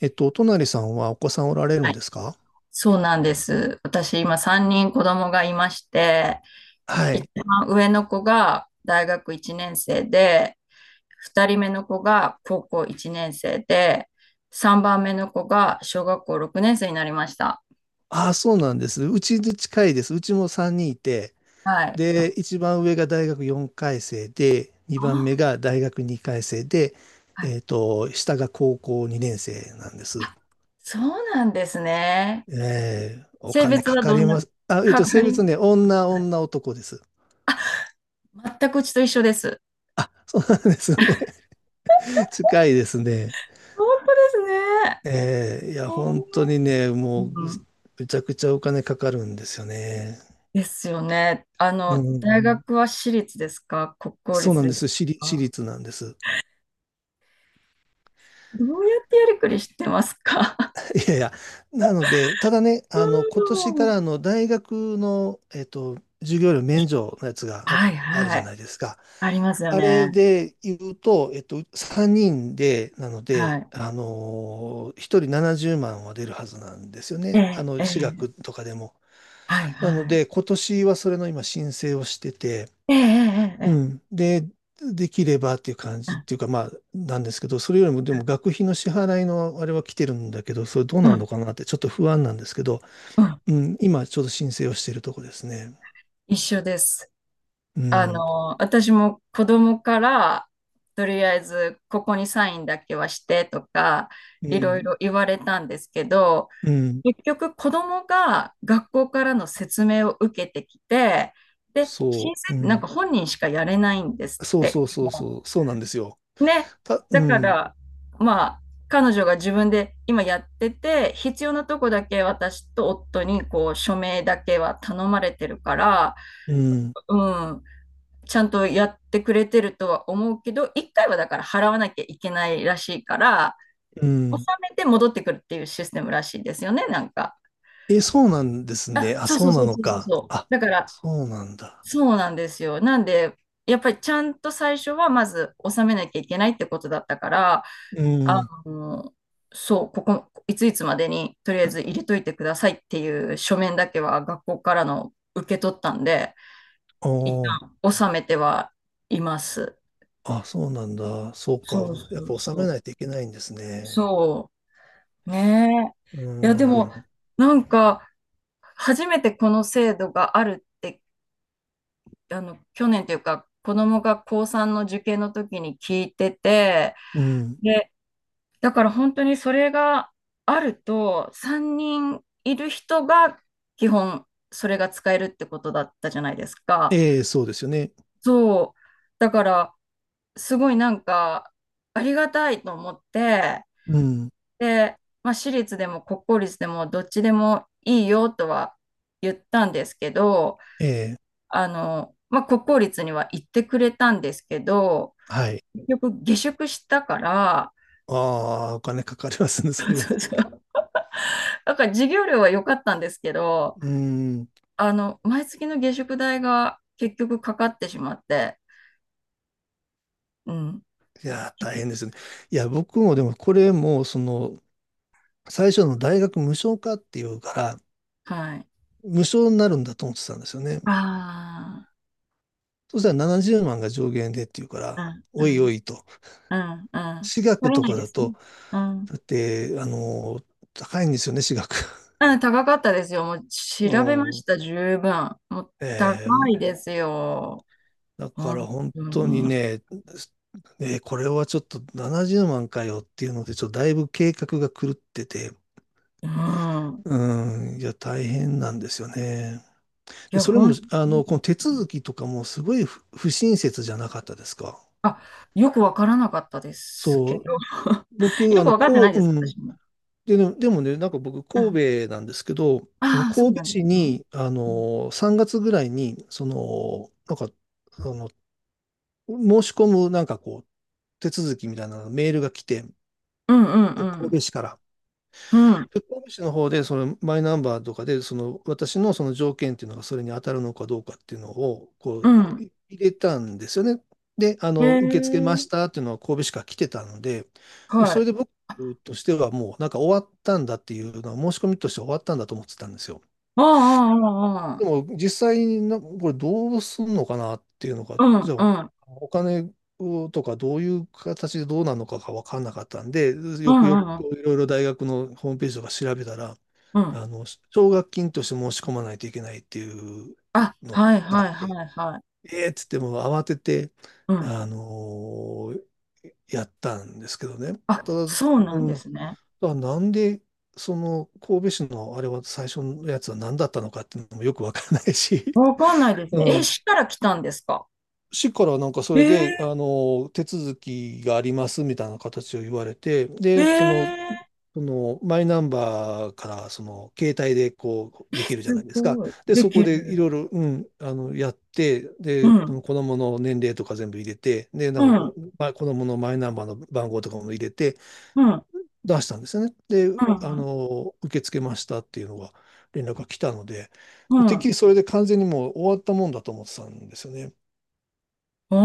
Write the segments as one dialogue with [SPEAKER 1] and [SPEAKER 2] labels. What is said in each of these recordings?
[SPEAKER 1] お隣さんはお子さんおられる
[SPEAKER 2] は
[SPEAKER 1] ん
[SPEAKER 2] い、
[SPEAKER 1] ですか？
[SPEAKER 2] そうなんです。私、今3人子供がいまして、
[SPEAKER 1] は
[SPEAKER 2] 一
[SPEAKER 1] い。
[SPEAKER 2] 番上の子が大学1年生で、2人目の子が高校1年生で、3番目の子が小学校6年生になりました。
[SPEAKER 1] ああ、そうなんです。うちで近いです。うちも3人いて、
[SPEAKER 2] はい。
[SPEAKER 1] で、一番上が大学4回生で、2番目
[SPEAKER 2] あ、
[SPEAKER 1] が大学2回生で、
[SPEAKER 2] はい。
[SPEAKER 1] 下が高校2年生なんです。
[SPEAKER 2] そうなんですね。
[SPEAKER 1] えお
[SPEAKER 2] 性
[SPEAKER 1] 金
[SPEAKER 2] 別
[SPEAKER 1] か
[SPEAKER 2] は
[SPEAKER 1] か
[SPEAKER 2] ど
[SPEAKER 1] り
[SPEAKER 2] んな、
[SPEAKER 1] ます。あ、
[SPEAKER 2] かか
[SPEAKER 1] 性別
[SPEAKER 2] り、
[SPEAKER 1] ね、女、女、男です。
[SPEAKER 2] 全くうちと一緒です。
[SPEAKER 1] あ、そうなんですね。近いですね。
[SPEAKER 2] 本当ですね。
[SPEAKER 1] いや、本当にね、
[SPEAKER 2] う
[SPEAKER 1] もう、
[SPEAKER 2] ん。
[SPEAKER 1] めちゃくちゃお金かかるんですよね。
[SPEAKER 2] ですよね。あ
[SPEAKER 1] う
[SPEAKER 2] の、大
[SPEAKER 1] ん。
[SPEAKER 2] 学は私立ですか、国公
[SPEAKER 1] そうな
[SPEAKER 2] 立
[SPEAKER 1] ん
[SPEAKER 2] で
[SPEAKER 1] で
[SPEAKER 2] す
[SPEAKER 1] す。私立、私
[SPEAKER 2] か？
[SPEAKER 1] 立なんです。
[SPEAKER 2] どうやってやりくりしてますか？
[SPEAKER 1] いやいや。なので、ただね、今 年
[SPEAKER 2] う
[SPEAKER 1] か
[SPEAKER 2] ん。
[SPEAKER 1] らあの大学の、授業料免除のやつが
[SPEAKER 2] はい
[SPEAKER 1] ある
[SPEAKER 2] は
[SPEAKER 1] じゃ
[SPEAKER 2] い。
[SPEAKER 1] ないですか。
[SPEAKER 2] ありますよ
[SPEAKER 1] あれ
[SPEAKER 2] ね。
[SPEAKER 1] で言うと、3人で、なの
[SPEAKER 2] は
[SPEAKER 1] で、
[SPEAKER 2] い。
[SPEAKER 1] 1人70万は出るはずなんですよ
[SPEAKER 2] え
[SPEAKER 1] ね。
[SPEAKER 2] え、え
[SPEAKER 1] 私
[SPEAKER 2] え、
[SPEAKER 1] 学とかでも。
[SPEAKER 2] はい
[SPEAKER 1] なの
[SPEAKER 2] はい。
[SPEAKER 1] で、今年はそれの今申請をしてて、
[SPEAKER 2] ええ、ええ、ええ、
[SPEAKER 1] うん。で、できればっていう感じっていうか、まあ、なんですけど、それよりも、でも学費の支払いのあれは来てるんだけど、それどう
[SPEAKER 2] うん
[SPEAKER 1] な
[SPEAKER 2] う
[SPEAKER 1] ん
[SPEAKER 2] ん
[SPEAKER 1] のかなってちょっと不安なんですけど、
[SPEAKER 2] うん。
[SPEAKER 1] うん、今ちょうど申請をしているとこですね。
[SPEAKER 2] 一緒です。
[SPEAKER 1] う
[SPEAKER 2] あ
[SPEAKER 1] ん、
[SPEAKER 2] の、私も子供から、とりあえず、ここにサインだけはしてとか、
[SPEAKER 1] う
[SPEAKER 2] いろい
[SPEAKER 1] ん、
[SPEAKER 2] ろ言われたんですけど、
[SPEAKER 1] うん、
[SPEAKER 2] 結局子供が学校からの説明を受けてきて、で、申請
[SPEAKER 1] そう、う
[SPEAKER 2] ってなん
[SPEAKER 1] ん、
[SPEAKER 2] か本人しかやれないんですっ
[SPEAKER 1] そう
[SPEAKER 2] て。
[SPEAKER 1] そうそうそう、そうなんですよ。
[SPEAKER 2] ね。
[SPEAKER 1] う
[SPEAKER 2] だか
[SPEAKER 1] ん、
[SPEAKER 2] ら、まあ、彼女が自分で今やってて、必要なとこだけ私と夫にこう署名だけは頼まれてるから、
[SPEAKER 1] うん、
[SPEAKER 2] うん、ちゃんとやってくれてるとは思うけど、一回はだから払わなきゃいけないらしいから、
[SPEAKER 1] う
[SPEAKER 2] 納
[SPEAKER 1] ん。
[SPEAKER 2] めて戻ってくるっていうシステムらしいですよね、なんか。
[SPEAKER 1] え、そうなんですね。
[SPEAKER 2] あ、
[SPEAKER 1] あ、
[SPEAKER 2] そう
[SPEAKER 1] そ
[SPEAKER 2] そう
[SPEAKER 1] う
[SPEAKER 2] そ
[SPEAKER 1] な
[SPEAKER 2] う
[SPEAKER 1] の
[SPEAKER 2] そうそう
[SPEAKER 1] か。
[SPEAKER 2] そう。
[SPEAKER 1] あ、
[SPEAKER 2] だから、
[SPEAKER 1] そうなんだ。
[SPEAKER 2] そうなんですよ。なんで、やっぱりちゃんと最初はまず納めなきゃいけないってことだったから、
[SPEAKER 1] う
[SPEAKER 2] あ
[SPEAKER 1] ん、
[SPEAKER 2] の、そう、ここ、いついつまでにとりあえず入れといてくださいっていう書面だけは学校からの受け取ったんで、
[SPEAKER 1] お
[SPEAKER 2] 一
[SPEAKER 1] ー、
[SPEAKER 2] 旦納めてはいます。
[SPEAKER 1] あ、そうなんだ。そうか。
[SPEAKER 2] そうそ
[SPEAKER 1] やっぱ
[SPEAKER 2] う
[SPEAKER 1] 納めな
[SPEAKER 2] そ
[SPEAKER 1] いといけないんです
[SPEAKER 2] う。
[SPEAKER 1] ね。
[SPEAKER 2] そう。ね
[SPEAKER 1] う
[SPEAKER 2] え。いや、で
[SPEAKER 1] ー
[SPEAKER 2] も、
[SPEAKER 1] ん。
[SPEAKER 2] なんか、初めてこの制度があるって、あの、去年というか子供が高3の受験の時に聞いてて、
[SPEAKER 1] うん。
[SPEAKER 2] で、だから本当にそれがあると、3人いる人が基本それが使えるってことだったじゃないですか。
[SPEAKER 1] ええ、そうですよね。
[SPEAKER 2] そう、だからすごいなんかありがたいと思って、
[SPEAKER 1] うん。
[SPEAKER 2] で、まあ、私立でも国公立でもどっちでもいいよとは言ったんですけど、
[SPEAKER 1] ええ、
[SPEAKER 2] あの、まあ、国公立には行ってくれたんですけど、
[SPEAKER 1] はい。
[SPEAKER 2] 結局下宿したから、
[SPEAKER 1] ああ、お金かかりますね、そ れを。
[SPEAKER 2] そうそう。だから授業料は良かったんですけど、
[SPEAKER 1] うん。
[SPEAKER 2] あの、毎月の下宿代が結局かかってしまって、うん。
[SPEAKER 1] いやー、大変ですね。いや、僕もでも、これも、最初の大学無償化っていうから、
[SPEAKER 2] はい。
[SPEAKER 1] 無償になるんだと思ってたんですよね。
[SPEAKER 2] あ
[SPEAKER 1] そしたら70万が上限でっていうから、
[SPEAKER 2] あ、う
[SPEAKER 1] おいお
[SPEAKER 2] ん、
[SPEAKER 1] いと。
[SPEAKER 2] うん、うん、うん。
[SPEAKER 1] 私
[SPEAKER 2] 足
[SPEAKER 1] 学
[SPEAKER 2] り
[SPEAKER 1] と
[SPEAKER 2] ない
[SPEAKER 1] か
[SPEAKER 2] で
[SPEAKER 1] だ
[SPEAKER 2] すね。
[SPEAKER 1] と、
[SPEAKER 2] うん。
[SPEAKER 1] だって、高いんですよね、私学。
[SPEAKER 2] うん、高かったですよ。もう 調べま
[SPEAKER 1] う
[SPEAKER 2] し
[SPEAKER 1] ん。
[SPEAKER 2] た、十分。もう高
[SPEAKER 1] え
[SPEAKER 2] い
[SPEAKER 1] え、
[SPEAKER 2] ですよ。
[SPEAKER 1] だから
[SPEAKER 2] 本
[SPEAKER 1] 本
[SPEAKER 2] 当
[SPEAKER 1] 当に
[SPEAKER 2] に。
[SPEAKER 1] ね、これはちょっと70万かよっていうので、ちょっとだいぶ計画が狂ってて、
[SPEAKER 2] うん。
[SPEAKER 1] うん、いや、大変なんですよね。
[SPEAKER 2] い
[SPEAKER 1] で、
[SPEAKER 2] や、
[SPEAKER 1] それも、
[SPEAKER 2] 本当に。
[SPEAKER 1] この手続きとかもすごい不親切じゃなかったですか？
[SPEAKER 2] あ、よくわからなかったです
[SPEAKER 1] そ
[SPEAKER 2] け
[SPEAKER 1] う、
[SPEAKER 2] ど。
[SPEAKER 1] 僕、
[SPEAKER 2] よくわかって
[SPEAKER 1] こ
[SPEAKER 2] な
[SPEAKER 1] う、
[SPEAKER 2] いです、
[SPEAKER 1] うん、
[SPEAKER 2] 私も。
[SPEAKER 1] でね、でもね、なんか僕、
[SPEAKER 2] うん。
[SPEAKER 1] 神戸なんですけど、
[SPEAKER 2] ああ、そう
[SPEAKER 1] 神
[SPEAKER 2] な
[SPEAKER 1] 戸
[SPEAKER 2] んで
[SPEAKER 1] 市
[SPEAKER 2] すね。
[SPEAKER 1] に、
[SPEAKER 2] うん
[SPEAKER 1] 3月ぐらいに、なんか、あの、申し込む、なんかこう、手続きみたいなメールが来て、
[SPEAKER 2] うん
[SPEAKER 1] 神
[SPEAKER 2] うん
[SPEAKER 1] 戸市から。
[SPEAKER 2] うん。うん。
[SPEAKER 1] で、神戸市の方で、そのマイナンバーとかで、その私のその条件っていうのがそれに当たるのかどうかっていうのを、こう、
[SPEAKER 2] う
[SPEAKER 1] 入れたんですよね。で、
[SPEAKER 2] ん。へえ
[SPEAKER 1] 受け付けまし
[SPEAKER 2] ー。
[SPEAKER 1] たっていうのは神戸市から来てたので、もう
[SPEAKER 2] は
[SPEAKER 1] それ
[SPEAKER 2] い。
[SPEAKER 1] で僕としてはもうなんか終わったんだっていうのは、申し込みとして終わったんだと思ってたんですよ。
[SPEAKER 2] ああ、ああ、ああ。
[SPEAKER 1] でも実際にな、これどうすんのかなっていうのが、
[SPEAKER 2] う
[SPEAKER 1] じ
[SPEAKER 2] ん
[SPEAKER 1] ゃ
[SPEAKER 2] う
[SPEAKER 1] あ
[SPEAKER 2] ん
[SPEAKER 1] お金をとかどういう形でどうなのかが分かんなかったんで、
[SPEAKER 2] う
[SPEAKER 1] よ
[SPEAKER 2] ん
[SPEAKER 1] く
[SPEAKER 2] う
[SPEAKER 1] よ
[SPEAKER 2] ん
[SPEAKER 1] く
[SPEAKER 2] うん。
[SPEAKER 1] こういろいろ大学のホームページとか調べたら、
[SPEAKER 2] う。
[SPEAKER 1] 奨学金として申し込まないといけないっていう
[SPEAKER 2] あ、
[SPEAKER 1] の
[SPEAKER 2] はい
[SPEAKER 1] があ
[SPEAKER 2] は
[SPEAKER 1] っ
[SPEAKER 2] い
[SPEAKER 1] て、
[SPEAKER 2] はいはい。
[SPEAKER 1] ええっつってもう慌てて、
[SPEAKER 2] うん。
[SPEAKER 1] あのやったんですけどね。た
[SPEAKER 2] あ、
[SPEAKER 1] だ、
[SPEAKER 2] そうな
[SPEAKER 1] う
[SPEAKER 2] んで
[SPEAKER 1] ん、だ
[SPEAKER 2] すね。
[SPEAKER 1] からなんで、その神戸市のあれは最初のやつは何だったのかっていうのもよくわからないし、
[SPEAKER 2] わかんないで すね。
[SPEAKER 1] う
[SPEAKER 2] え、
[SPEAKER 1] ん。
[SPEAKER 2] 市から来たんですか？
[SPEAKER 1] 市からなんかそ
[SPEAKER 2] え
[SPEAKER 1] れで、
[SPEAKER 2] ー、
[SPEAKER 1] 手続きがありますみたいな形を言われて、
[SPEAKER 2] え
[SPEAKER 1] で、その、
[SPEAKER 2] ー、
[SPEAKER 1] そのマイナンバーからその携帯でこ
[SPEAKER 2] え、
[SPEAKER 1] うできるじゃ
[SPEAKER 2] す
[SPEAKER 1] ないですか。
[SPEAKER 2] ごい。
[SPEAKER 1] で、
[SPEAKER 2] で
[SPEAKER 1] そ
[SPEAKER 2] き
[SPEAKER 1] こでいろい
[SPEAKER 2] る。
[SPEAKER 1] ろ、うん、やって、
[SPEAKER 2] う
[SPEAKER 1] で、こ
[SPEAKER 2] ん。
[SPEAKER 1] の子供の年齢とか全部入れて、で、な
[SPEAKER 2] う
[SPEAKER 1] んかこ
[SPEAKER 2] ん。
[SPEAKER 1] う、まあ、子供のマイナンバーの番号とかも入れて、
[SPEAKER 2] うん。うん。
[SPEAKER 1] 出したんですよね。で、
[SPEAKER 2] うん。
[SPEAKER 1] 受け付けましたっていうのが連絡が来たので、
[SPEAKER 2] う
[SPEAKER 1] もうてっき
[SPEAKER 2] ん。
[SPEAKER 1] りそれで完全にもう終わったもんだと思ってたんですよね。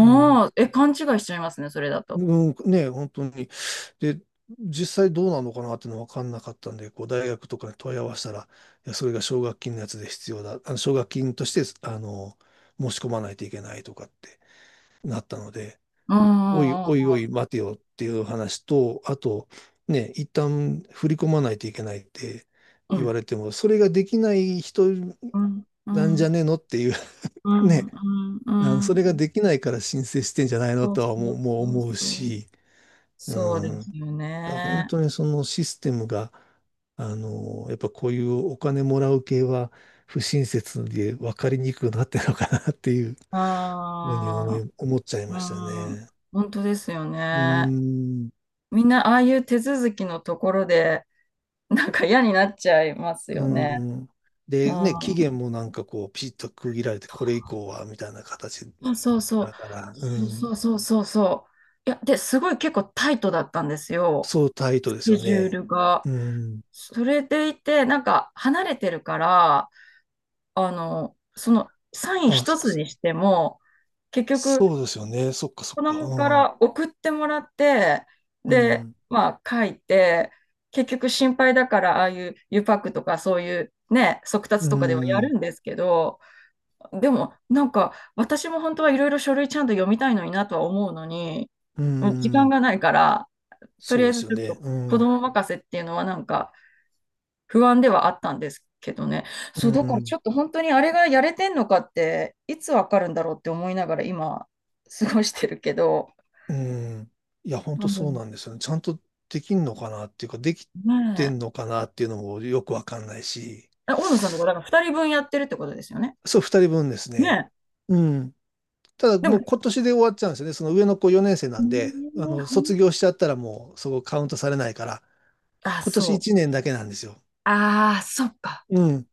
[SPEAKER 1] うん。
[SPEAKER 2] あ、え、勘違いしちゃいますね、それだと。
[SPEAKER 1] うん、ね、本当に。で、実際どうなのかなっていうのは分かんなかったんで、こう大学とかに問い合わせたら、いや、それが奨学金のやつで必要だ。あの奨学金として、あの、申し込まないといけないとかってなったので、
[SPEAKER 2] う
[SPEAKER 1] おい
[SPEAKER 2] んうん
[SPEAKER 1] おいおい待てよっていう話と、あと、ね、一旦振り込まないといけないって
[SPEAKER 2] う
[SPEAKER 1] 言
[SPEAKER 2] ん
[SPEAKER 1] われても、それができない人
[SPEAKER 2] うん。う
[SPEAKER 1] なんじゃ
[SPEAKER 2] ん
[SPEAKER 1] ねえのっていう、
[SPEAKER 2] う んうんう
[SPEAKER 1] ね、
[SPEAKER 2] んうんうんうんう
[SPEAKER 1] そ
[SPEAKER 2] ん。
[SPEAKER 1] れができないから申請してんじゃないの
[SPEAKER 2] そう
[SPEAKER 1] とは
[SPEAKER 2] そ
[SPEAKER 1] もう、
[SPEAKER 2] う
[SPEAKER 1] もう
[SPEAKER 2] そう
[SPEAKER 1] 思う
[SPEAKER 2] そう。
[SPEAKER 1] し、う
[SPEAKER 2] そうで
[SPEAKER 1] ん、
[SPEAKER 2] すよ
[SPEAKER 1] だから本
[SPEAKER 2] ね。
[SPEAKER 1] 当にそのシステムが、やっぱこういうお金もらう系は不親切で分かりにくくなってるのかなっていうふうに思
[SPEAKER 2] ああ、
[SPEAKER 1] い、思っちゃい
[SPEAKER 2] う
[SPEAKER 1] ました
[SPEAKER 2] ん。
[SPEAKER 1] ね。
[SPEAKER 2] 本当ですよ
[SPEAKER 1] うー
[SPEAKER 2] ね。
[SPEAKER 1] ん。
[SPEAKER 2] みんなああいう手続きのところで、なんか嫌になっちゃいます
[SPEAKER 1] う
[SPEAKER 2] よね。
[SPEAKER 1] ん。
[SPEAKER 2] う
[SPEAKER 1] で、ね、期
[SPEAKER 2] ん。
[SPEAKER 1] 限もなんかこう、ピシッと区切られて、これ以降は、みたいな形
[SPEAKER 2] そうそうそう。
[SPEAKER 1] だから、う
[SPEAKER 2] そ
[SPEAKER 1] ん。
[SPEAKER 2] うそうそうそう。いや、で、すごい結構タイトだったんですよ。
[SPEAKER 1] そうタイ
[SPEAKER 2] ス
[SPEAKER 1] トです
[SPEAKER 2] ケ
[SPEAKER 1] よ
[SPEAKER 2] ジュー
[SPEAKER 1] ね。
[SPEAKER 2] ルが。
[SPEAKER 1] うん。
[SPEAKER 2] それでいて、なんか離れてるから、あの、そのサイン
[SPEAKER 1] あ、
[SPEAKER 2] 一つにしても、結局、
[SPEAKER 1] そうですよね。そっかそっ
[SPEAKER 2] 子
[SPEAKER 1] か。
[SPEAKER 2] 供か
[SPEAKER 1] うん。
[SPEAKER 2] ら送ってもらって、
[SPEAKER 1] う
[SPEAKER 2] で、
[SPEAKER 1] ん。
[SPEAKER 2] まあ書いて、結局心配だから、ああいうゆパックとかそういうね、速達
[SPEAKER 1] う
[SPEAKER 2] とかではや
[SPEAKER 1] ん。
[SPEAKER 2] るんですけど、でもなんか私も本当はいろいろ書類ちゃんと読みたいのになとは思うのに、
[SPEAKER 1] う
[SPEAKER 2] もう時間
[SPEAKER 1] ん、
[SPEAKER 2] がないから、と
[SPEAKER 1] そ
[SPEAKER 2] り
[SPEAKER 1] う
[SPEAKER 2] あ
[SPEAKER 1] で
[SPEAKER 2] えず
[SPEAKER 1] すよ
[SPEAKER 2] ちょっ
[SPEAKER 1] ね。
[SPEAKER 2] と
[SPEAKER 1] う
[SPEAKER 2] 子
[SPEAKER 1] ん。
[SPEAKER 2] 供任せっていうのはなんか、不安ではあったんですけどね。
[SPEAKER 1] う
[SPEAKER 2] そう、だからち
[SPEAKER 1] ん。
[SPEAKER 2] ょっと本当にあれがやれてんのかって、いつわかるんだろうって思いながら今、過ごしてるけど。
[SPEAKER 1] うん。いや、本
[SPEAKER 2] 多
[SPEAKER 1] 当そう
[SPEAKER 2] 分。
[SPEAKER 1] なんですよね。ちゃんとできんのかなっていうか、でき
[SPEAKER 2] ね
[SPEAKER 1] てんのかなっていうのもよくわかんないし。
[SPEAKER 2] え。え、大野さんとか、だから2人分やってるってことですよね。
[SPEAKER 1] そう、二人分です
[SPEAKER 2] ね
[SPEAKER 1] ね。
[SPEAKER 2] え。
[SPEAKER 1] うん。ただ
[SPEAKER 2] でも、
[SPEAKER 1] もう今年で終わっちゃうんですよね。その上の子4年生な
[SPEAKER 2] え
[SPEAKER 1] んで、
[SPEAKER 2] ーほ
[SPEAKER 1] 卒
[SPEAKER 2] ん
[SPEAKER 1] 業しちゃったらもうそこカウントされないから、
[SPEAKER 2] あ、
[SPEAKER 1] 今
[SPEAKER 2] そ
[SPEAKER 1] 年
[SPEAKER 2] う。
[SPEAKER 1] 1年だけなんですよ。
[SPEAKER 2] ああ、そっか。
[SPEAKER 1] うん。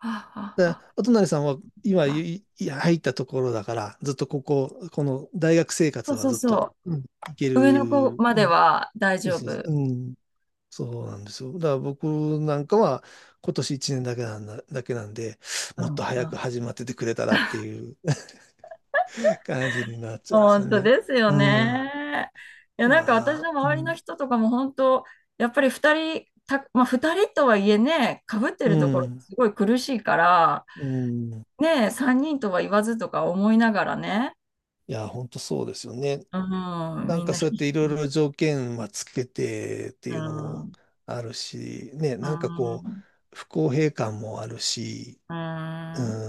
[SPEAKER 2] ああ、あ
[SPEAKER 1] だ
[SPEAKER 2] は
[SPEAKER 1] か
[SPEAKER 2] あ、
[SPEAKER 1] らお隣さんは
[SPEAKER 2] そっ
[SPEAKER 1] 今
[SPEAKER 2] か。
[SPEAKER 1] 入ったところだから、ずっとここ、この大学生
[SPEAKER 2] そ
[SPEAKER 1] 活
[SPEAKER 2] う
[SPEAKER 1] は
[SPEAKER 2] そう
[SPEAKER 1] ずっと、
[SPEAKER 2] そ
[SPEAKER 1] うん、いけ
[SPEAKER 2] う。上の子
[SPEAKER 1] る。
[SPEAKER 2] ま
[SPEAKER 1] う
[SPEAKER 2] で
[SPEAKER 1] ん。
[SPEAKER 2] は大
[SPEAKER 1] そう
[SPEAKER 2] 丈
[SPEAKER 1] そうそ
[SPEAKER 2] 夫。
[SPEAKER 1] う、うん。そうなんですよ。だから僕なんかは今年1年だけなんで、
[SPEAKER 2] う
[SPEAKER 1] もっと
[SPEAKER 2] ん、う
[SPEAKER 1] 早く
[SPEAKER 2] ん。
[SPEAKER 1] 始まっててくれたらっていう 感じになっちゃうんですよ
[SPEAKER 2] 本当
[SPEAKER 1] ね。
[SPEAKER 2] ですよ
[SPEAKER 1] うん。
[SPEAKER 2] ね。いや、なんか
[SPEAKER 1] ま
[SPEAKER 2] 私
[SPEAKER 1] あ、
[SPEAKER 2] の
[SPEAKER 1] う
[SPEAKER 2] 周りの
[SPEAKER 1] ん
[SPEAKER 2] 人とかも本当、やっぱり二人、た、まあ二人とはいえね、かぶって
[SPEAKER 1] う
[SPEAKER 2] るところ
[SPEAKER 1] ん、
[SPEAKER 2] すごい苦しいから、
[SPEAKER 1] うん。い
[SPEAKER 2] ね、三人とは言わずとか思いながらね、
[SPEAKER 1] や、本当そうですよね。
[SPEAKER 2] うん、
[SPEAKER 1] な
[SPEAKER 2] み
[SPEAKER 1] ん
[SPEAKER 2] ん
[SPEAKER 1] か
[SPEAKER 2] な
[SPEAKER 1] そうや
[SPEAKER 2] 必
[SPEAKER 1] っ
[SPEAKER 2] 死
[SPEAKER 1] ていろい
[SPEAKER 2] に、
[SPEAKER 1] ろ条件はつけてって
[SPEAKER 2] う
[SPEAKER 1] いうの
[SPEAKER 2] ん、う
[SPEAKER 1] も
[SPEAKER 2] ん、
[SPEAKER 1] あるし、ね、
[SPEAKER 2] う
[SPEAKER 1] なんかこう、
[SPEAKER 2] ん、
[SPEAKER 1] 不公平感もあるし、
[SPEAKER 2] う
[SPEAKER 1] うー
[SPEAKER 2] ん、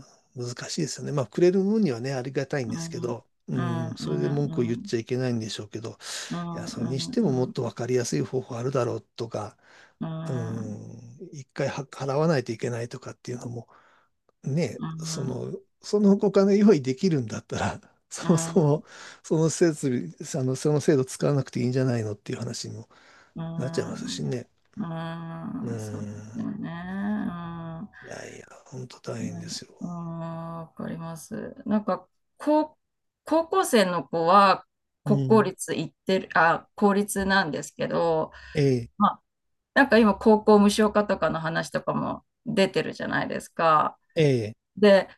[SPEAKER 1] ん、難しいですよね。まあ、くれる分にはね、ありがたいん
[SPEAKER 2] う
[SPEAKER 1] ですけ
[SPEAKER 2] ん、うん、
[SPEAKER 1] ど、う
[SPEAKER 2] う
[SPEAKER 1] ん、それで
[SPEAKER 2] ん、
[SPEAKER 1] 文句を
[SPEAKER 2] う
[SPEAKER 1] 言っ
[SPEAKER 2] ん、
[SPEAKER 1] ちゃいけないんでしょうけど、
[SPEAKER 2] う
[SPEAKER 1] い
[SPEAKER 2] ん、
[SPEAKER 1] や、それにしても
[SPEAKER 2] う
[SPEAKER 1] もっ
[SPEAKER 2] ん、
[SPEAKER 1] と分かりやすい方法あるだろうとか、
[SPEAKER 2] うん、
[SPEAKER 1] う
[SPEAKER 2] うん、
[SPEAKER 1] ん、一回は払わないといけないとかっていうのも、ね、その、そのお金用意できるんだったら、そもそも、その設備、その制度使わなくていいんじゃないのっていう話にも
[SPEAKER 2] う
[SPEAKER 1] なっちゃいますし
[SPEAKER 2] ん、
[SPEAKER 1] ね。う
[SPEAKER 2] うん。そうだ
[SPEAKER 1] ん。
[SPEAKER 2] よね。うん。
[SPEAKER 1] いやいや、本当大
[SPEAKER 2] い
[SPEAKER 1] 変
[SPEAKER 2] や、
[SPEAKER 1] ですよ。
[SPEAKER 2] あー、わかります。なんか、高、高校生の子は
[SPEAKER 1] う
[SPEAKER 2] 国公
[SPEAKER 1] ん。
[SPEAKER 2] 立行ってる、あ、公立なんですけど、
[SPEAKER 1] ええ、
[SPEAKER 2] まあ、なんか今、高校無償化とかの話とかも出てるじゃないですか。
[SPEAKER 1] ええ、
[SPEAKER 2] で、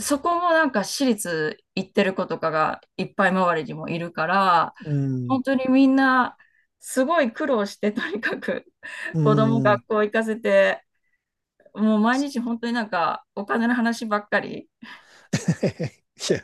[SPEAKER 2] そこもなんか私立行ってる子とかがいっぱい周りにもいるから、
[SPEAKER 1] うん、
[SPEAKER 2] 本当にみんな、すごい苦労して、とにかく
[SPEAKER 1] う
[SPEAKER 2] 子供学
[SPEAKER 1] ん。
[SPEAKER 2] 校行かせて、もう毎日本当になんかお金の話ばっかり。
[SPEAKER 1] いや、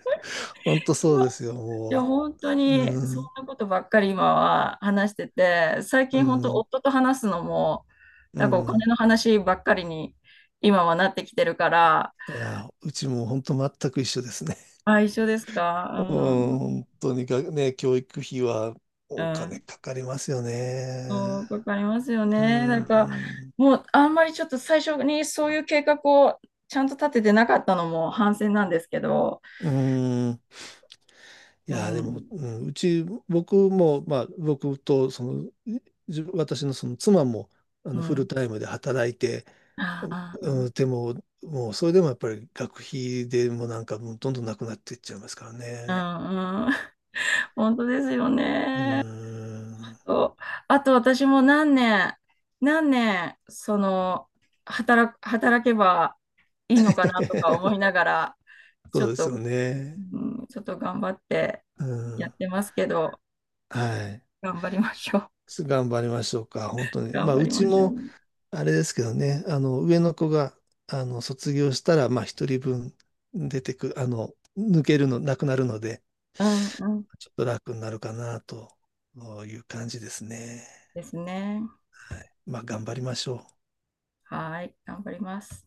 [SPEAKER 1] 本当そうですよ、
[SPEAKER 2] い
[SPEAKER 1] も
[SPEAKER 2] や、
[SPEAKER 1] う。
[SPEAKER 2] 本当に、
[SPEAKER 1] う
[SPEAKER 2] そん
[SPEAKER 1] ん、
[SPEAKER 2] なことばっかり今は話してて、最
[SPEAKER 1] う
[SPEAKER 2] 近本当、
[SPEAKER 1] ん、
[SPEAKER 2] 夫と話すのも、
[SPEAKER 1] う
[SPEAKER 2] なんかお金
[SPEAKER 1] ん。
[SPEAKER 2] の話ばっかりに今はなってきてるから、
[SPEAKER 1] いや、うちも本当全く一緒ですね。
[SPEAKER 2] あ、一緒です
[SPEAKER 1] うん、
[SPEAKER 2] か？うん、
[SPEAKER 1] 本当にがね、教育費は
[SPEAKER 2] う
[SPEAKER 1] お金
[SPEAKER 2] ん、
[SPEAKER 1] かかりますよね。
[SPEAKER 2] そう、わかりますよ
[SPEAKER 1] う
[SPEAKER 2] ね。なんか、
[SPEAKER 1] ん、
[SPEAKER 2] もうあんまりちょっと最初にそういう計画をちゃんと立ててなかったのも反省なんですけど、
[SPEAKER 1] うん。い
[SPEAKER 2] う
[SPEAKER 1] や、でも、
[SPEAKER 2] ん、
[SPEAKER 1] うん、うち、僕も、まあ、僕と、その、自分私のその妻も、
[SPEAKER 2] う
[SPEAKER 1] フル
[SPEAKER 2] ん、
[SPEAKER 1] タイムで働いて、
[SPEAKER 2] ああ、
[SPEAKER 1] うん、でも、もう、それでもやっぱり学費でもなんか、もうどんどんなくなっていっちゃいますから
[SPEAKER 2] う
[SPEAKER 1] ね。
[SPEAKER 2] ん、うん、本当ですよ
[SPEAKER 1] う
[SPEAKER 2] ね。あ
[SPEAKER 1] ん。
[SPEAKER 2] と、あと私も何年、何年、その、働けばいいのかなとか思い ながら、
[SPEAKER 1] そ
[SPEAKER 2] ちょ
[SPEAKER 1] う
[SPEAKER 2] っ
[SPEAKER 1] ですよ
[SPEAKER 2] と、
[SPEAKER 1] ね。
[SPEAKER 2] うん、ちょっと頑張って
[SPEAKER 1] う
[SPEAKER 2] やっ
[SPEAKER 1] ん。
[SPEAKER 2] てますけど、
[SPEAKER 1] はい。
[SPEAKER 2] 頑張りましょう。
[SPEAKER 1] 頑張りましょうか、本 当に。
[SPEAKER 2] 頑
[SPEAKER 1] まあ、
[SPEAKER 2] 張
[SPEAKER 1] う
[SPEAKER 2] り
[SPEAKER 1] ち
[SPEAKER 2] ましょう。
[SPEAKER 1] も、あれですけどね、上の子が、卒業したら、まあ、一人分出てく、抜けるの、なくなるので、
[SPEAKER 2] うんうん。
[SPEAKER 1] ちょっと楽になるかな、という感じですね。
[SPEAKER 2] ですね。
[SPEAKER 1] はい。まあ、頑張りましょう。
[SPEAKER 2] はい。頑張ります。